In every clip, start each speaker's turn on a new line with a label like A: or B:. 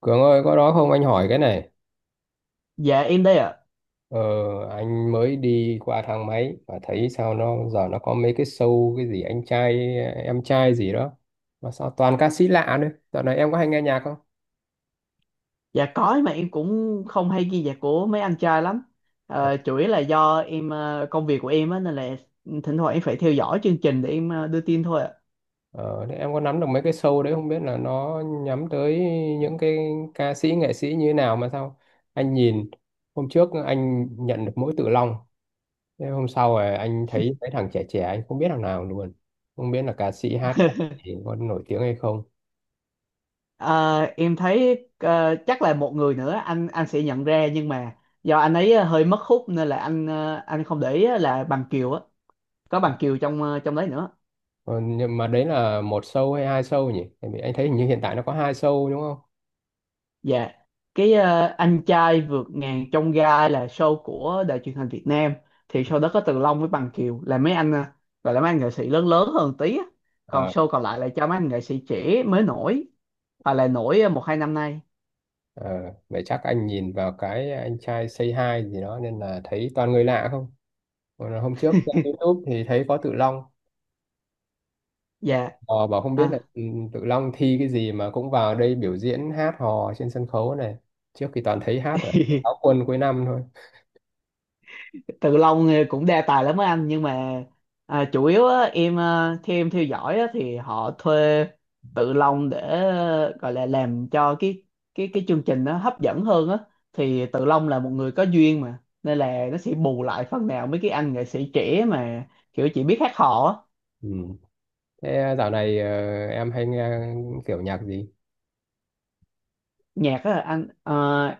A: Cường ơi, có đó không anh hỏi cái này.
B: Dạ em đây ạ.
A: Ờ, anh mới đi qua thang máy và thấy sao nó giờ nó có mấy cái show cái gì anh trai em trai gì đó mà sao toàn ca sĩ lạ nữa. Dạo này em có hay nghe nhạc không?
B: Dạ có nhưng mà em cũng không hay ghi nhạc của mấy anh trai lắm. Ờ, chủ yếu là do em công việc của em á nên là thỉnh thoảng em phải theo dõi chương trình để em đưa tin thôi ạ.
A: Ờ, Thế em có nắm được mấy cái show đấy, không biết là nó nhắm tới những cái ca sĩ nghệ sĩ như thế nào mà sao anh nhìn hôm trước anh nhận được mỗi Tự Long, thế hôm sau rồi anh thấy mấy thằng trẻ trẻ anh không biết thằng nào luôn, không biết là ca sĩ hát thì có nổi tiếng hay không.
B: Ờ, em thấy chắc là một người nữa anh sẽ nhận ra nhưng mà do anh ấy hơi mất hút nên là anh không để ý á là Bằng Kiều á, có Bằng Kiều trong trong đấy nữa.
A: Ờ, nhưng mà đấy là một show hay hai show nhỉ? Tại vì anh thấy hình như hiện tại nó có hai show đúng không?
B: Dạ, cái anh trai vượt ngàn chông gai là show của đài truyền hình Việt Nam thì show đó có Từ Long với Bằng Kiều là mấy anh gọi là mấy anh nghệ sĩ lớn lớn hơn tí á. Còn
A: Ờ,
B: show còn lại là cho mấy anh nghệ sĩ trẻ mới nổi hoặc là nổi một hai năm nay.
A: Ờ, Vậy chắc anh nhìn vào cái anh trai Say Hi gì đó nên là thấy toàn người lạ không? Còn là hôm trước trên YouTube thì thấy có Tự Long.
B: Dạ.
A: Ờ, Bảo không biết là
B: À.
A: Tự Long thi cái gì mà cũng vào đây biểu diễn hát hò trên sân khấu này. Trước thì toàn thấy hát ở áo quân cuối năm thôi.
B: Tự Long cũng đa tài lắm á anh nhưng mà à, chủ yếu á, em theo em theo dõi á, thì họ thuê Tự Long để gọi là làm cho cái chương trình nó hấp dẫn hơn á thì Tự Long là một người có duyên mà nên là nó sẽ bù lại phần nào mấy cái anh nghệ sĩ trẻ mà kiểu chỉ biết hát hò á.
A: Ừ. Thế dạo này em hay nghe kiểu nhạc gì?
B: Nhạc á anh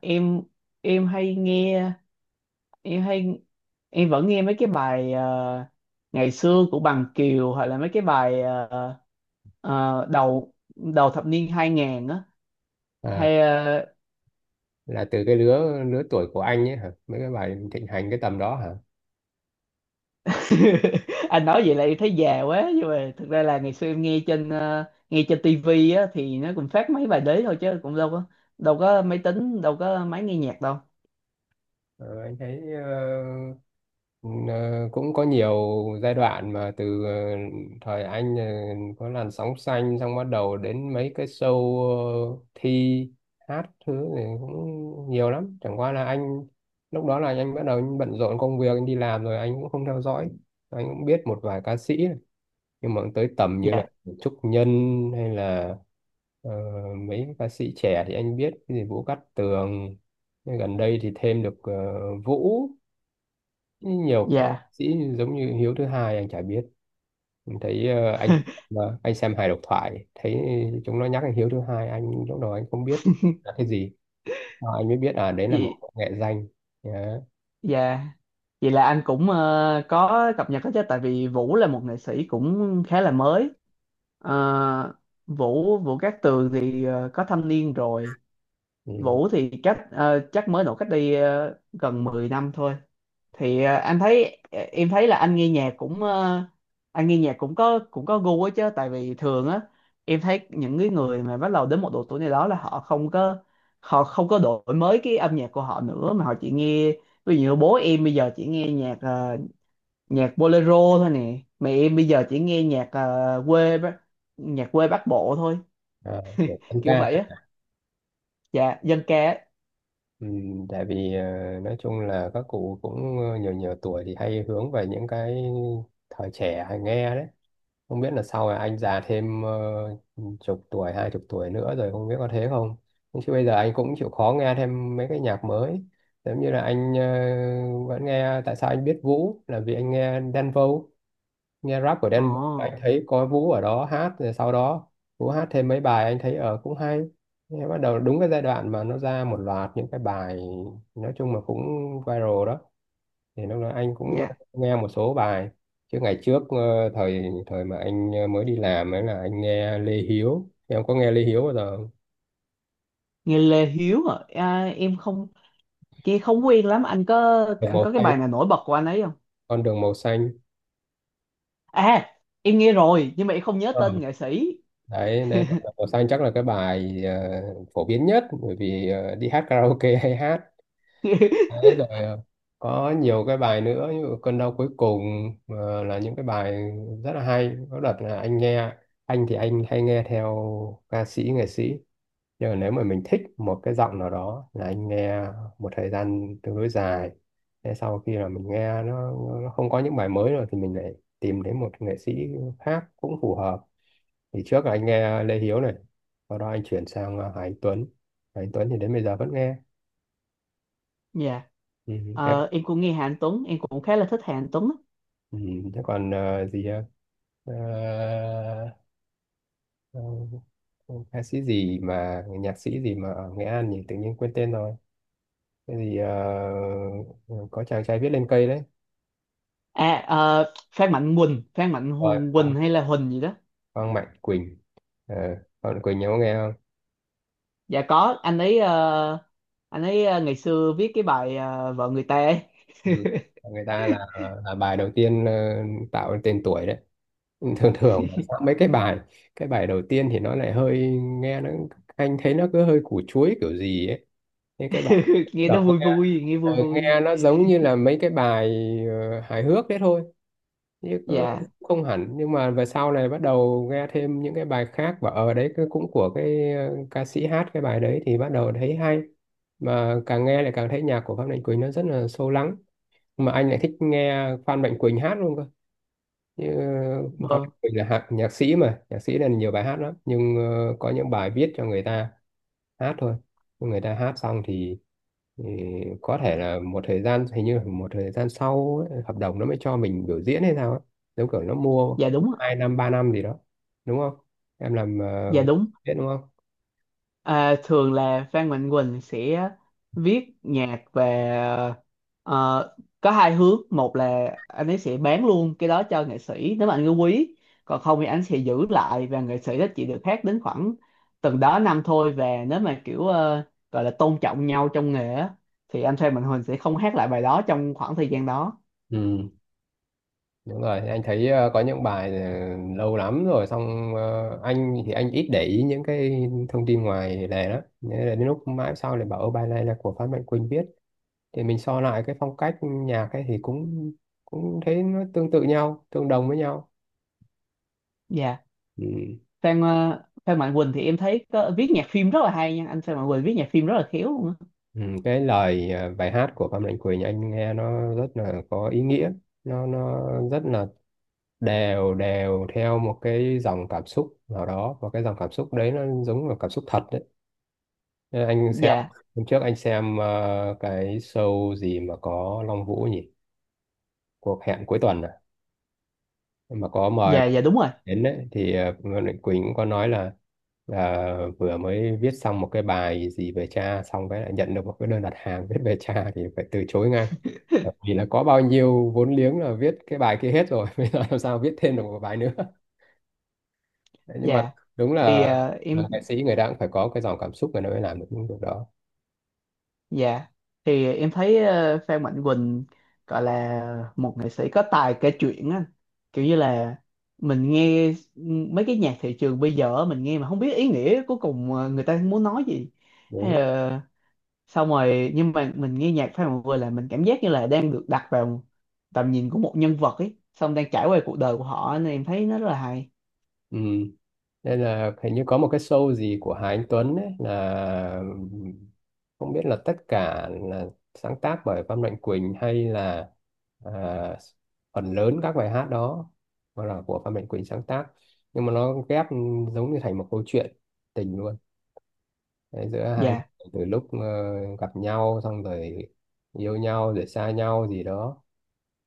B: em em hay nghe em hay em vẫn nghe mấy cái bài ngày xưa của Bằng Kiều hoặc là mấy cái bài đầu đầu thập niên 2000 á
A: Ờ,
B: hay
A: là từ cái lứa lứa tuổi của anh ấy hả, mấy cái bài thịnh hành cái tầm đó hả?
B: anh nói vậy là em thấy già quá nhưng mà thực ra là ngày xưa em nghe trên tivi á thì nó cũng phát mấy bài đấy thôi chứ cũng đâu có máy tính đâu có máy nghe nhạc đâu.
A: Ờ, anh thấy ờ, cũng có nhiều giai đoạn mà từ thời anh có làn sóng xanh xong bắt đầu đến mấy cái show thi hát thứ thì cũng nhiều lắm, chẳng qua là anh lúc đó là anh bắt đầu bận rộn công việc, anh đi làm rồi anh cũng không theo dõi. Anh cũng biết một vài ca sĩ nhưng mà tới tầm như
B: Dạ.
A: là Trúc Nhân hay là ờ, mấy ca sĩ trẻ thì anh biết cái gì Vũ Cát Tường. Nhưng gần đây thì thêm được Vũ, nhiều ca
B: Dạ.
A: sĩ giống như Hiếu thứ hai anh chả biết. Mình thấy anh mà anh xem hài độc thoại thấy chúng nó nhắc đến Hiếu thứ hai, anh lúc đầu anh không biết là cái gì. Sau anh mới biết à đấy là một
B: Gì?
A: nghệ danh. Đó.
B: Dạ. Vậy là anh cũng có cập nhật hết chứ tại vì Vũ là một nghệ sĩ cũng khá là mới. Ờ, Vũ Vũ Cát Tường thì có thâm niên rồi.
A: Ừ.
B: Vũ thì chắc mới nổi cách đây gần 10 năm thôi. Thì em thấy là anh nghe nhạc cũng có gu ấy chứ tại vì thường á em thấy những cái người mà bắt đầu đến một độ tuổi này đó là họ không có đổi mới cái âm nhạc của họ nữa mà họ chỉ nghe ví dụ như bố em bây giờ chỉ nghe nhạc bolero thôi nè mà em bây giờ chỉ nghe nhạc quê Bắc Bộ thôi
A: À, của tân
B: kiểu vậy
A: ca.
B: á. Dạ, dân ca á.
A: Ừ, tại vì nói chung là các cụ cũng nhiều nhiều tuổi thì hay hướng về những cái thời trẻ hay nghe đấy, không biết là sau này anh già thêm chục tuổi hai chục tuổi nữa rồi không biết có thế không. Nhưng chứ bây giờ anh cũng chịu khó nghe thêm mấy cái nhạc mới, giống như là anh vẫn nghe. Tại sao anh biết Vũ là vì anh nghe Đen Vâu, nghe rap của Đen Vâu, anh
B: Ồ.
A: thấy có Vũ ở đó hát, rồi sau đó Vũ hát thêm mấy bài anh thấy ở cũng hay. Nghe bắt đầu đúng cái giai đoạn mà nó ra một loạt những cái bài nói chung là cũng viral đó, thì lúc đó anh cũng
B: Dạ.
A: nghe một số bài, chứ ngày trước thời thời mà anh mới đi làm ấy là anh nghe Lê Hiếu. Em có nghe Lê Hiếu bao giờ không?
B: Nghe Lê Hiếu à, à em không nghe không quen lắm anh có
A: Đường
B: anh
A: màu
B: có cái
A: xanh
B: bài nào nổi bật của anh ấy không?
A: con đường màu xanh.
B: À em nghe rồi nhưng mà em không nhớ
A: Ờ.
B: tên nghệ sĩ.
A: đấy đấy con đường màu xanh chắc là cái bài phổ biến nhất, bởi vì đi hát karaoke hay hát. Đấy, rồi có nhiều cái bài nữa như cơn đau cuối cùng, là những cái bài rất là hay. Có đợt là anh thì anh hay nghe theo ca sĩ nghệ sĩ, nhưng mà nếu mà mình thích một cái giọng nào đó là anh nghe một thời gian tương đối dài. Thế sau khi là mình nghe nó không có những bài mới rồi thì mình lại tìm đến một nghệ sĩ khác cũng phù hợp. Thì trước là anh nghe Lê Hiếu này, sau đó anh chuyển sang Hà Anh Tuấn. Hà Anh Tuấn thì đến bây giờ vẫn nghe.
B: Dạ.
A: Ừ.
B: Ờ, em cũng nghe Hà Anh Tuấn em cũng khá là thích Hà Anh Tuấn á.
A: Ừ, thế còn gì ha? Ờ, ờ, ca sĩ gì mà nhạc sĩ gì mà ở Nghệ An nhỉ, tự nhiên quên tên rồi. Cái gì ừ, có chàng trai viết lên cây đấy.
B: À Phan Mạnh Quỳnh Phan Mạnh
A: Rồi
B: Hùng
A: Phan
B: Quỳnh hay là Huỳnh gì đó.
A: Phan Mạnh Quỳnh. Ờ, Phan Mạnh Quỳnh nhớ nghe không?
B: Dạ có ngày xưa viết cái bài vợ người ta ấy.
A: Ừ. Người ta là bài đầu tiên tạo nên tên tuổi đấy. Thường thường là sang mấy cái bài, cái bài đầu tiên thì nó lại hơi nghe nó anh thấy nó cứ hơi củ chuối kiểu gì ấy. Thế cái bài
B: Nghe nó
A: đầu
B: vui vui, nghe vui vui.
A: nghe nó giống như là mấy cái bài hài hước đấy thôi, chứ cũng
B: Dạ
A: không hẳn. Nhưng mà về sau này bắt đầu nghe thêm những cái bài khác, và ở đấy cũng của cái ca sĩ hát cái bài đấy thì bắt đầu thấy hay. Mà càng nghe lại càng thấy nhạc của Phan Mạnh Quỳnh nó rất là sâu lắng, mà anh lại thích nghe Phan Mạnh Quỳnh hát luôn cơ. Như Phan
B: vâng.
A: Công Bình là nhạc sĩ mà, nhạc sĩ nên nhiều bài hát lắm, nhưng có những bài viết cho người ta hát thôi. Nhưng người ta hát xong thì có thể là một thời gian, hình như là một thời gian sau ấy, hợp đồng nó mới cho mình biểu diễn hay sao ấy. Giống kiểu nó mua
B: Dạ đúng ạ.
A: 2 năm 3 năm gì đó, đúng không? Em làm
B: Dạ
A: uh,
B: đúng.
A: biết đúng không?
B: À, thường là Phan Mạnh Quỳnh sẽ viết nhạc về ờ, có hai hướng, một là anh ấy sẽ bán luôn cái đó cho nghệ sĩ nếu mà anh ấy quý, còn không thì anh sẽ giữ lại và nghệ sĩ đó chỉ được hát đến khoảng từng đó năm thôi và nếu mà kiểu gọi là tôn trọng nhau trong nghề á, thì anh Phan Mạnh Quỳnh sẽ không hát lại bài đó trong khoảng thời gian đó.
A: Ừ. Đúng rồi, anh thấy có những bài lâu lắm rồi, xong anh thì anh ít để ý những cái thông tin ngoài lề đó. Nên là đến lúc mãi sau lại bảo ô bài này là của Phan Mạnh Quỳnh viết, thì mình so lại cái phong cách nhạc ấy thì cũng cũng thấy nó tương tự nhau, tương đồng với nhau.
B: Dạ.
A: Ừ.
B: Phan Mạnh Quỳnh thì em thấy có, viết nhạc phim rất là hay nha anh, Phan Mạnh Quỳnh viết nhạc phim rất là khéo luôn á.
A: Ừ, cái lời bài hát của Phan Mạnh Quỳnh anh nghe nó rất là có ý nghĩa, nó rất là đều đều theo một cái dòng cảm xúc nào đó, và cái dòng cảm xúc đấy nó giống là cảm xúc thật. Thế Anh xem
B: Dạ.
A: hôm trước anh xem cái show gì mà có Long Vũ nhỉ? Cuộc hẹn cuối tuần à? Mà có mời
B: Dạ.
A: bạn
B: Dạ đúng rồi.
A: đến đấy thì Nguyễn Mạnh Quỳnh cũng có nói là vừa mới viết xong một cái bài gì về cha, xong cái lại nhận được một cái đơn đặt hàng viết về cha thì phải từ chối ngay. Bởi vì là có bao nhiêu vốn liếng là viết cái bài kia hết rồi, bây giờ làm sao viết thêm được một bài nữa. Đấy, nhưng mà
B: Dạ
A: đúng
B: thì
A: là
B: ờ, em
A: nghệ sĩ người ta cũng phải có cái dòng cảm xúc người ta mới làm được những việc đó.
B: dạ thì em thấy Phan Mạnh Quỳnh gọi là một nghệ sĩ có tài kể chuyện á kiểu như là mình nghe mấy cái nhạc thị trường bây giờ á, mình nghe mà không biết ý nghĩa cuối cùng người ta muốn nói gì hay
A: Đúng.
B: là xong rồi nhưng mà mình nghe nhạc Phan Mạnh Quỳnh là mình cảm giác như là đang được đặt vào tầm nhìn của một nhân vật ấy xong đang trải qua cuộc đời của họ nên em thấy nó rất là hay.
A: Ừ. Đây là hình như có một cái show gì của Hà Anh Tuấn đấy, là không biết là tất cả là sáng tác bởi Văn Mạnh Quỳnh hay là, à, phần lớn các bài hát đó mà là của Văn Mạnh Quỳnh sáng tác, nhưng mà nó ghép giống như thành một câu chuyện tình luôn. Đấy, giữa hai người
B: Dạ.
A: từ lúc gặp nhau xong rồi yêu nhau rồi xa nhau gì đó.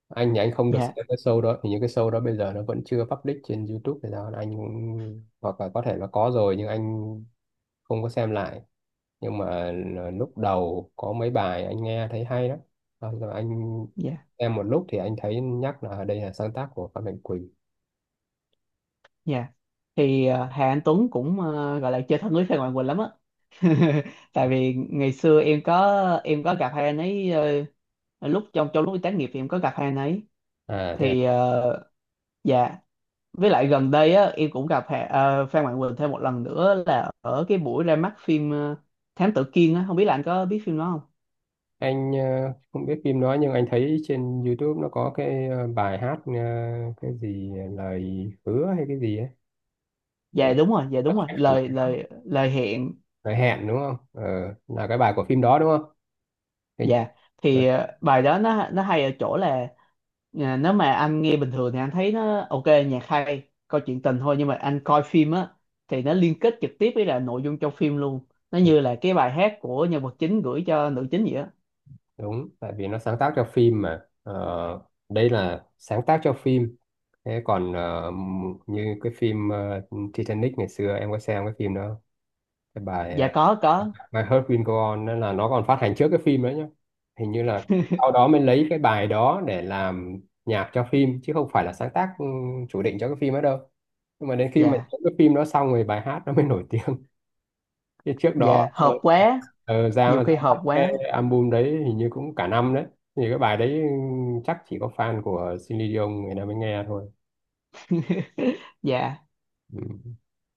A: Anh thì anh không được
B: Dạ.
A: xem cái show đó, thì những cái show đó bây giờ nó vẫn chưa public trên YouTube thì sao, anh cũng hoặc là có thể là có rồi nhưng anh không có xem lại. Nhưng mà là lúc đầu có mấy bài anh nghe thấy hay lắm. Xong rồi anh
B: Dạ.
A: xem một lúc thì anh thấy nhắc là đây là sáng tác của Phan Mạnh Quỳnh.
B: Dạ. Thì Hà Anh Tuấn cũng gọi là chơi thân với Phan Hoàng Quỳnh lắm á. Tại vì ngày xưa em có gặp hai anh ấy lúc trong trong lúc đi tác nghiệp thì em có gặp hai anh ấy.
A: À thế à?
B: Thì dạ với lại gần đây á em cũng gặp Phan Hoàng Quỳnh thêm một lần nữa là ở cái buổi ra mắt phim Thám Tử Kiên á, không biết là anh có biết phim đó không?
A: Anh không biết phim đó, nhưng anh thấy trên YouTube nó có cái bài hát cái gì lời hứa hay cái gì ấy.
B: Dạ
A: Nghe-
B: đúng rồi, dạ đúng rồi. Lời lời lời hẹn.
A: lời hẹn đúng không, là cái bài của phim đó đúng không? Hình-
B: Dạ.
A: ờ,
B: Thì bài đó nó hay ở chỗ là à, nếu mà anh nghe bình thường thì anh thấy nó ok nhạc hay câu chuyện tình thôi nhưng mà anh coi phim á thì nó liên kết trực tiếp với là nội dung trong phim luôn nó
A: ờ,
B: như là cái bài hát của nhân vật chính gửi cho nữ chính vậy á.
A: đúng tại vì nó sáng tác cho phim mà, đây là sáng tác cho phim. Thế còn như cái phim Titanic, ngày xưa em có xem cái phim đó không? Cái bài
B: Dạ có có.
A: My Heart Will Go On, nên là nó còn phát hành trước cái phim đấy nhá. Hình như là sau đó mới lấy cái bài đó để làm nhạc cho phim, chứ không phải là sáng tác chủ định cho cái phim ấy đâu. Nhưng mà đến khi mà
B: Dạ.
A: những cái phim đó xong rồi bài hát nó mới nổi tiếng chứ trước đó
B: Dạ hợp quá,
A: ra
B: nhiều
A: ra
B: khi
A: mắt
B: hợp
A: cái
B: quá.
A: album đấy hình như cũng cả năm đấy, thì cái bài đấy chắc chỉ có fan của Celine Dion người ta mới nghe thôi.
B: Dạ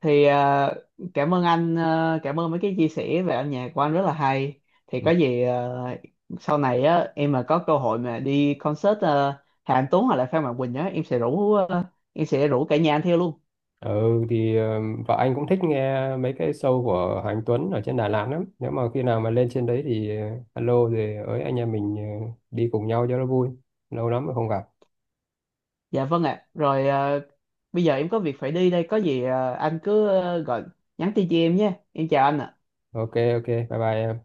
B: thì ờ, cảm ơn mấy cái chia sẻ về âm nhạc của anh rất là hay. Thì có
A: Ừ.
B: sau này á em mà có cơ hội mà đi concert Hà Anh Tuấn hoặc là Phan Mạnh Quỳnh á em sẽ rủ cả nhà anh theo luôn.
A: Ừ thì vợ anh cũng thích nghe mấy cái show của Hoàng Tuấn ở trên Đà Lạt lắm. Nếu mà khi nào mà lên trên đấy thì alo rồi ới anh em mình đi cùng nhau cho nó vui. Lâu lắm rồi không gặp.
B: Dạ vâng ạ, rồi bây giờ em có việc phải đi đây, có anh cứ gọi nhắn tin cho em nhé, em chào anh ạ.
A: Ok, ok, bye bye em.